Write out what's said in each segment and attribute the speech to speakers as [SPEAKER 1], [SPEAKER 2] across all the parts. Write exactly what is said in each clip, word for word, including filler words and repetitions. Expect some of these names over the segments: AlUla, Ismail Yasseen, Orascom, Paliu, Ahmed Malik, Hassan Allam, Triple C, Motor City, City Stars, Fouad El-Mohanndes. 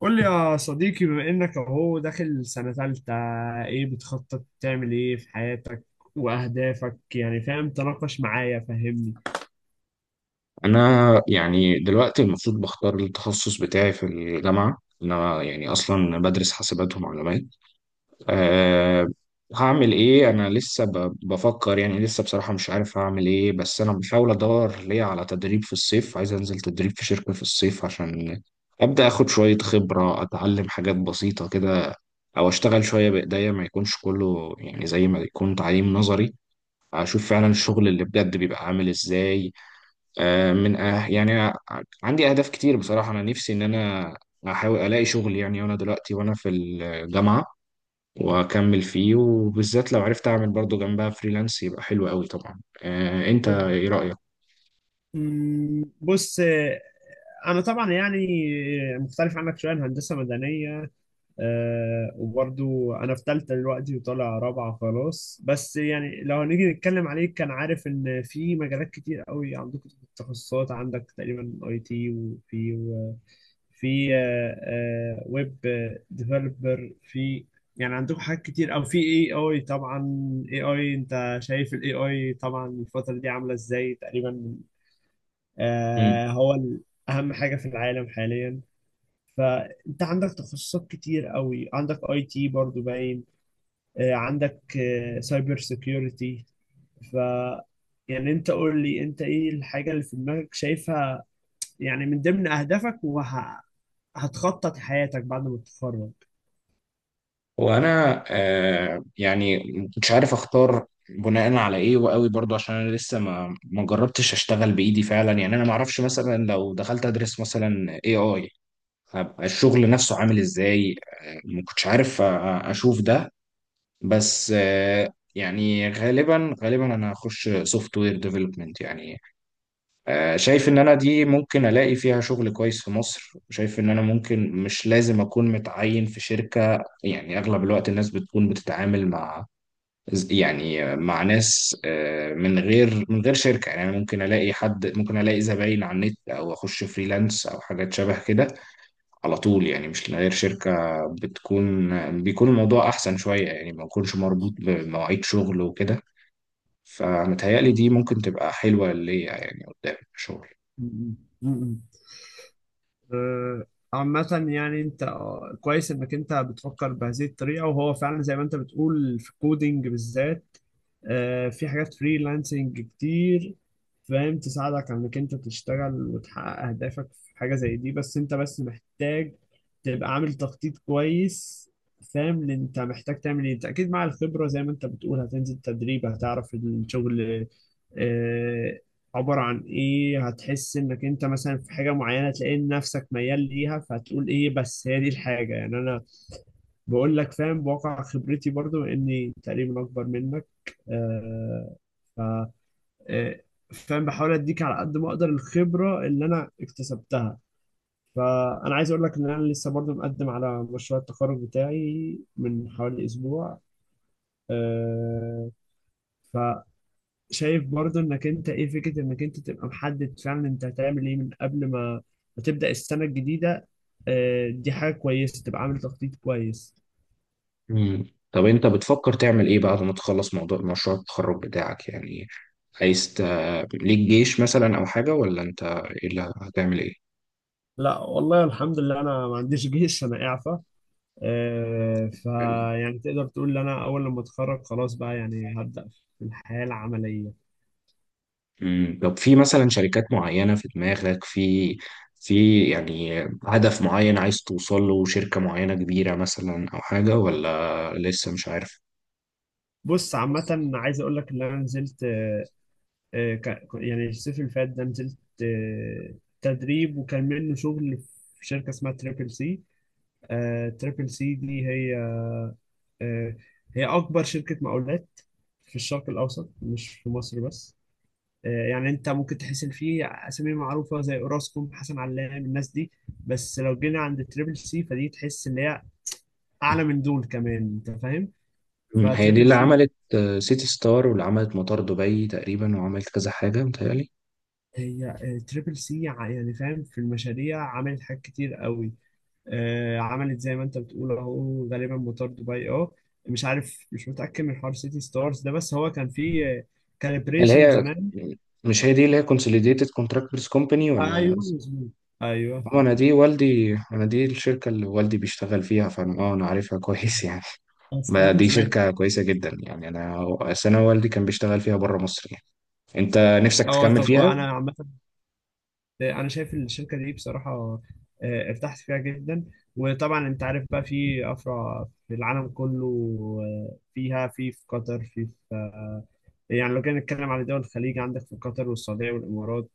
[SPEAKER 1] قول لي يا صديقي، بما انك اهو داخل سنة تالتة، ايه بتخطط تعمل ايه في حياتك واهدافك؟ يعني فاهم؟ تناقش معايا، فهمني.
[SPEAKER 2] انا يعني دلوقتي المفروض بختار التخصص بتاعي في الجامعه. انا يعني اصلا بدرس حاسبات ومعلومات. أه هعمل ايه؟ انا لسه ب- بفكر، يعني لسه بصراحه مش عارف هعمل ايه. بس انا بحاول ادور ليه على تدريب في الصيف، عايز انزل تدريب في شركه في الصيف عشان ابدا اخد شويه خبره، اتعلم حاجات بسيطه كده او اشتغل شويه بايديا، ما يكونش كله يعني زي ما يكون تعليم نظري. اشوف فعلا الشغل اللي بجد بيبقى عامل ازاي. آه، من أه يعني أنا عندي أهداف كتير بصراحة. أنا نفسي إن أنا أحاول ألاقي شغل يعني، وأنا دلوقتي وأنا في الجامعة وأكمل فيه، وبالذات لو عرفت أعمل برضو جنبها فريلانس يبقى حلو قوي. طبعا، آه، أنت
[SPEAKER 1] طب،
[SPEAKER 2] إيه رأيك؟
[SPEAKER 1] مم، بص، آه، انا طبعا يعني مختلف عنك شوية. أنا هندسة مدنية. آه، وبرضو انا في تالتة دلوقتي وطالع رابعة خلاص. بس يعني لو هنيجي نتكلم عليه، كان عارف ان في مجالات كتير قوي عندكم. تخصصات عندك تقريبا اي تي، وفي و- في آه، آه، ويب ديفلوبر، في يعني عندكم حاجات كتير، او في اي اي طبعا. اي اي، انت شايف الاي اي طبعا الفترة دي عاملة ازاي تقريبا؟
[SPEAKER 2] مم.
[SPEAKER 1] آه هو ال- اهم حاجة في العالم حاليا. فانت عندك تخصصات كتير قوي، عندك اي تي برضو باين، آه، عندك سايبر سيكيورتي. ف يعني انت قول لي، انت ايه الحاجة اللي في دماغك شايفها يعني من ضمن اهدافك، وهتخطط حياتك بعد ما تتخرج؟
[SPEAKER 2] وأنا آه، يعني مش عارف أختار بناء على إيه وقوي برضو، عشان أنا لسه ما ما جربتش أشتغل بإيدي فعلا. يعني أنا ما أعرفش مثلا لو دخلت أدرس مثلا A I هبقى الشغل نفسه عامل إزاي. آه، ما كنتش عارف أ- اشوف ده. بس آه، يعني غالبا غالبا انا هخش سوفت وير ديفلوبمنت يعني. آه، شايف ان انا دي ممكن الاقي فيها شغل كويس في مصر. شايف ان انا ممكن مش لازم اكون متعين في شركة، يعني اغلب الوقت الناس بتكون بتتعامل مع، يعني مع ناس آه، من غير من غير شركة. يعني أنا ممكن الاقي حد، ممكن الاقي زباين على النت او اخش فريلانس او حاجات شبه كده على طول، يعني مش من غير شركة بتكون بيكون الموضوع أحسن شوية، يعني ما يكونش مربوط بمواعيد شغل وكده. فمتهيألي دي ممكن تبقى حلوة ليا يعني قدام الشغل.
[SPEAKER 1] م- م- م- م. آه، عامة يعني انت، آه، كويس انك انت بتفكر بهذه الطريقة. وهو فعلا زي ما انت بتقول، في الكودينج بالذات، آه، في حاجات فريلانسنج كتير، فاهم، تساعدك على انك انت تشتغل وتحقق اهدافك في حاجة زي دي. بس انت بس محتاج تبقى عامل تخطيط كويس، فاهم اللي انت محتاج تعمل ايه. انت اكيد مع الخبرة، زي ما انت بتقول هتنزل تدريب، هتعرف الشغل آه، عبر عن ايه، هتحس انك انت مثلا في حاجه معينه، تلاقي إن نفسك ميال ليها، فهتقول ايه، بس هي دي الحاجه. يعني انا بقول لك، فاهم، بواقع خبرتي برضو اني تقريبا اكبر منك. آه ف آه، فاهم، بحاول اديك على قد ما اقدر الخبره اللي انا اكتسبتها. فانا عايز اقول لك ان انا لسه برضو مقدم على مشروع التخرج بتاعي من حوالي اسبوع. آه، شايف برضو انك انت ايه فكرة انك انت تبقى محدد فعلا انت هتعمل ايه من قبل ما ما تبدأ السنة الجديدة. آه، دي حاجة كويسة تبقى عامل تخطيط كويس.
[SPEAKER 2] مم. طب أنت بتفكر تعمل إيه بعد ما تخلص موضوع مشروع التخرج بتاعك؟ يعني عايز ت... ليك جيش مثلا أو حاجة، ولا أنت إيه اللي هتعمل إيه؟
[SPEAKER 1] لا والله، الحمد لله انا ما عنديش جيش، انا اعفى. آه، فيعني تقدر تقول ان انا اول لما اتخرج خلاص، بقى يعني هبدأ في الحياة العملية.
[SPEAKER 2] مم. طب في مثلا شركات معينة في دماغك، في في يعني هدف معين عايز توصل له، شركة معينة كبيرة مثلا أو حاجة، ولا لسه مش عارف؟
[SPEAKER 1] بص
[SPEAKER 2] بص.
[SPEAKER 1] عامة، عايز اقول لك ان انا نزلت، آه، آه، ك- يعني الصيف اللي فات ده، نزلت آه، تدريب وكان منه شغل في شركة اسمها تريبل سي. آه، تريبل سي دي هي، آه، هي أكبر شركة مقاولات في الشرق الأوسط، مش في مصر بس. آه، يعني أنت ممكن تحس إن في أسامي معروفة زي أوراسكوم، حسن علام، الناس دي، بس لو جينا عند تريبل سي فدي تحس إن هي أعلى من دول كمان. أنت فاهم؟
[SPEAKER 2] مم. هي دي
[SPEAKER 1] فتريبل
[SPEAKER 2] اللي
[SPEAKER 1] سي
[SPEAKER 2] عملت آه، سيتي ستار واللي عملت مطار دبي تقريبا وعملت كذا حاجة، متهيألي.
[SPEAKER 1] هي آه، تريبل سي يعني فاهم، في المشاريع عملت حاجات كتير قوي. آه، عملت زي ما انت بتقول اهو، غالبا موتور دبي، اه مش عارف، مش متأكد من حوار سيتي ستارز ده، بس هو كان فيه
[SPEAKER 2] اللي
[SPEAKER 1] كاليبريشن
[SPEAKER 2] هي،
[SPEAKER 1] زمان.
[SPEAKER 2] مش هي دي اللي هي كونسوليديتد كونتراكتورز كومباني ولا؟
[SPEAKER 1] ايوه مظبوط، ايوه.
[SPEAKER 2] هو انا دي والدي، انا دي الشركة اللي والدي بيشتغل فيها، فانا اه انا عارفها كويس يعني.
[SPEAKER 1] اصلا
[SPEAKER 2] ما دي
[SPEAKER 1] ما-
[SPEAKER 2] شركة كويسة جدا، يعني انا أصل انا والدي كان بيشتغل فيها بره مصر يعني. انت نفسك
[SPEAKER 1] اه
[SPEAKER 2] تكمل
[SPEAKER 1] طب
[SPEAKER 2] فيها؟
[SPEAKER 1] انا عامه، انا شايف الشركه دي بصراحه، آه، ارتحت فيها جدا. وطبعا انت عارف بقى في افرع في العالم كله، آه، فيها في في قطر، في في آه، يعني لو جينا نتكلم على دول الخليج، عندك في قطر والسعوديه والامارات،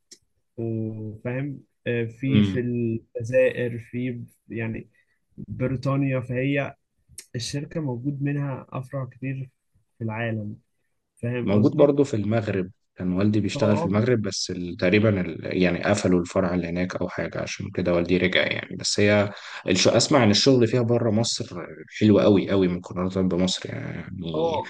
[SPEAKER 1] وفاهم، آه، في في
[SPEAKER 2] امم.
[SPEAKER 1] الجزائر، في يعني بريطانيا. فهي الشركة موجود منها أفرع كتير في العالم. فاهم
[SPEAKER 2] موجود
[SPEAKER 1] قصدي؟
[SPEAKER 2] برضو في المغرب. كان والدي
[SPEAKER 1] اه،
[SPEAKER 2] بيشتغل في
[SPEAKER 1] اه.
[SPEAKER 2] المغرب، بس ال- تقريبا ال... يعني قفلوا الفرع اللي هناك او حاجة، عشان كده والدي رجع يعني. بس هي الش... اسمع ان الشغل فيها بره مصر حلو قوي قوي مقارنة بمصر يعني.
[SPEAKER 1] آه،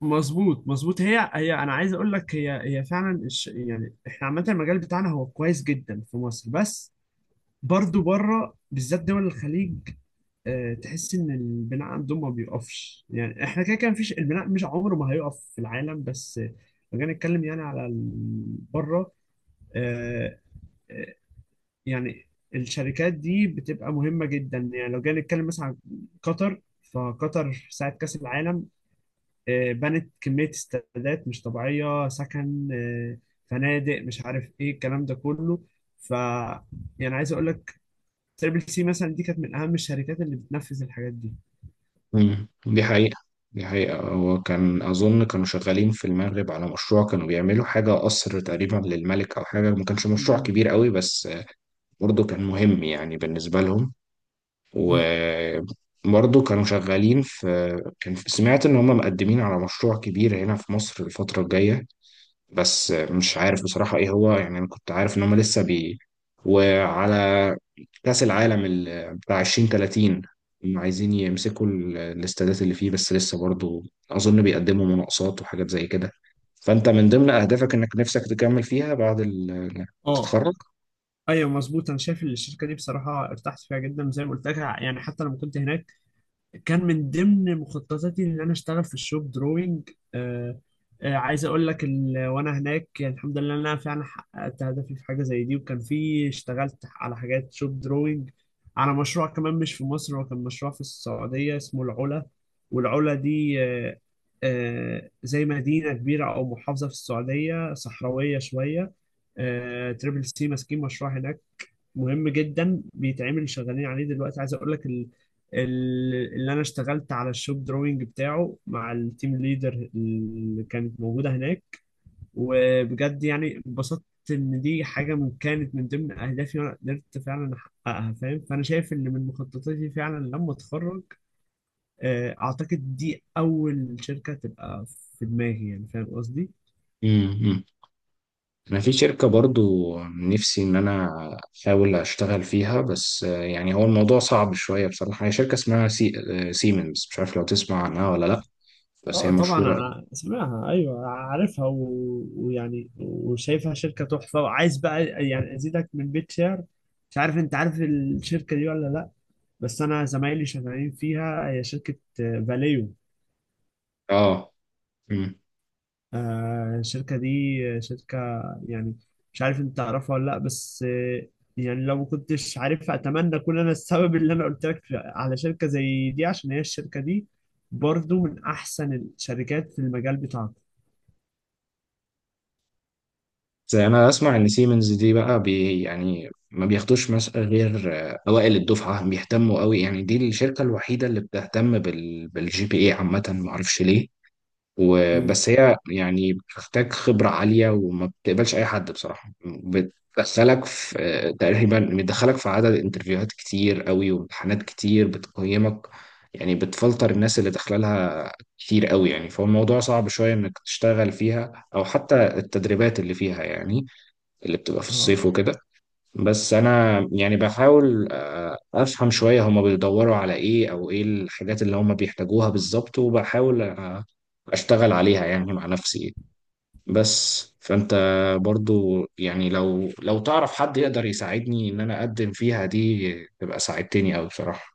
[SPEAKER 1] مظبوط مظبوط، هي هي انا عايز اقول لك، هي هي فعلا الش... يعني احنا عامه المجال بتاعنا هو كويس جدا في مصر، بس برضو بره بالذات دول الخليج، آه، تحس ان البناء عندهم ما بيقفش. يعني احنا كده كده، مفيش، البناء مش عمره ما هيقف في العالم، بس آه، لو جينا نتكلم يعني على ال- بره، آه، آه، يعني الشركات دي بتبقى مهمة جدا. يعني لو جينا نتكلم مثلا عن قطر، فقطر في ساعة كأس العالم، آه، بنت كمية استادات مش طبيعية، سكن، آه، فنادق، مش عارف ايه الكلام ده كله. ف يعني عايز اقول لك، تريبل سي مثلا دي كانت من اهم الشركات اللي بتنفذ الحاجات
[SPEAKER 2] مم. دي حقيقة. دي حقيقة. هو كان أظن كانوا شغالين في المغرب على مشروع، كانوا بيعملوا حاجة قصر تقريبا للملك أو حاجة، ما كانش مشروع كبير قوي بس برضه كان مهم يعني بالنسبة لهم.
[SPEAKER 1] دي.
[SPEAKER 2] وبرضه كانوا شغالين في، كان سمعت إن هم مقدمين على مشروع كبير هنا في مصر الفترة الجاية. بس مش عارف بصراحة إيه هو. يعني أنا كنت عارف إن هم لسه بي وعلى كأس العالم ال- بتاع ألفين وتلاتين هم عايزين يمسكوا ال- الاستادات اللي فيه، بس لسه برضو أظن بيقدموا مناقصات وحاجات زي كده. فأنت من ضمن أهدافك إنك نفسك تكمل فيها بعد ال- إنك
[SPEAKER 1] اه،
[SPEAKER 2] تتخرج؟
[SPEAKER 1] ايوه مظبوط. انا شايف ان الشركه دي بصراحه، ارتحت فيها جدا زي ما قلت لك. يعني حتى لما كنت هناك، كان من ضمن مخططاتي ان انا اشتغل في الشوب دروينج. آه آه عايز اقول لك، ال- وانا هناك يعني الحمد لله ان انا فعلا حققت هدفي في حاجه زي دي، وكان في، اشتغلت على حاجات شوب دروينج على مشروع كمان مش في مصر. هو كان مشروع في السعوديه اسمه العلا. والعلا دي آه آه زي مدينه كبيره او محافظه في السعوديه، صحراويه شويه. آه، تريبل سي ماسكين مشروع هناك مهم جدا، بيتعمل، شغالين عليه دلوقتي. عايز اقول لك ال... ال... اللي انا اشتغلت على الشوب دروينج بتاعه مع التيم ليدر اللي كانت موجوده هناك. وبجد يعني اتبسطت ان دي حاجه من كانت من ضمن اهدافي وانا قدرت فعلا احققها، فاهم؟ فانا شايف ان من مخططاتي فعلا لما اتخرج، آه، اعتقد دي اول شركه تبقى في دماغي. يعني فاهم قصدي؟
[SPEAKER 2] امم. أنا في شركة برضو نفسي إن أنا أحاول أشتغل فيها، بس آه، يعني هو الموضوع صعب شوية بصراحة. هي شركة اسمها سي... آه، سيمنز، مش عارف لو تسمع عنها ولا لأ، بس
[SPEAKER 1] اه
[SPEAKER 2] هي
[SPEAKER 1] طبعا،
[SPEAKER 2] مشهورة.
[SPEAKER 1] ع- سمعها، ايوه عارفها، و... ويعني وشايفها شركه تحفه، وعايز بقى يعني ازيدك من بيت شعر. مش عارف انت عارف الشركه دي ولا لا، بس انا زمايلي شغالين فيها. هي شركه آه، فاليو.
[SPEAKER 2] آه
[SPEAKER 1] آه، الشركه دي آه، شركه يعني مش عارف انت تعرفها ولا لا، بس آه، يعني لو ما كنتش عارفها، اتمنى اكون انا السبب اللي انا قلت لك على شركه زي دي، عشان هي الشركه دي برضو من احسن الشركات في المجال بتاعك.
[SPEAKER 2] زي انا اسمع ان سيمنز دي بقى بي، يعني ما بياخدوش مثلا غير آه، اوائل الدفعه. بيهتموا قوي، يعني دي الشركه الوحيده اللي بتهتم بال بالجي بي اي عامه، ما اعرفش ليه. وبس هي يعني بتحتاج خبره عاليه وما بتقبلش اي حد بصراحه، بتدخلك في آه، تقريبا بتدخلك في عدد انترفيوهات كتير قوي وامتحانات كتير بتقيمك، يعني بتفلتر الناس اللي داخله لها كتير قوي يعني. فهو الموضوع صعب شويه انك تشتغل فيها او حتى التدريبات اللي فيها، يعني اللي بتبقى في
[SPEAKER 1] مم.
[SPEAKER 2] الصيف وكده. بس انا يعني بحاول آه، افهم شوية هما بيدوروا على ايه او ايه الحاجات اللي هما بيحتاجوها بالظبط، وبحاول آه، اشتغل عليها يعني مع نفسي. بس فانت برضو يعني، لو لو تعرف حد يقدر يساعدني ان انا اقدم فيها دي، تبقى ساعدتني اوي بصراحة.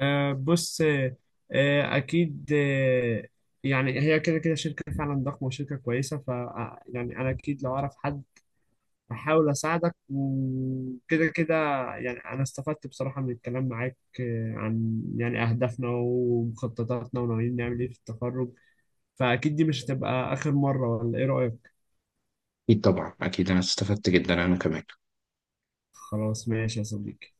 [SPEAKER 1] آه، بص آه، آه، اكيد آه، يعني هي كده كده شركه فعلا ضخمه وشركه كويسه. ف آه، يعني انا اكيد لو اعرف حد احاول اساعدك، وكده كده. يعني انا استفدت بصراحه من الكلام معاك، آه، عن يعني اهدافنا ومخططاتنا وناويين نعمل ايه في التخرج. فاكيد دي مش هتبقى اخر مره، ولا ايه رايك؟
[SPEAKER 2] اكيد طبعا، اكيد انا استفدت جدا انا كمان.
[SPEAKER 1] خلاص ماشي يا صديقي.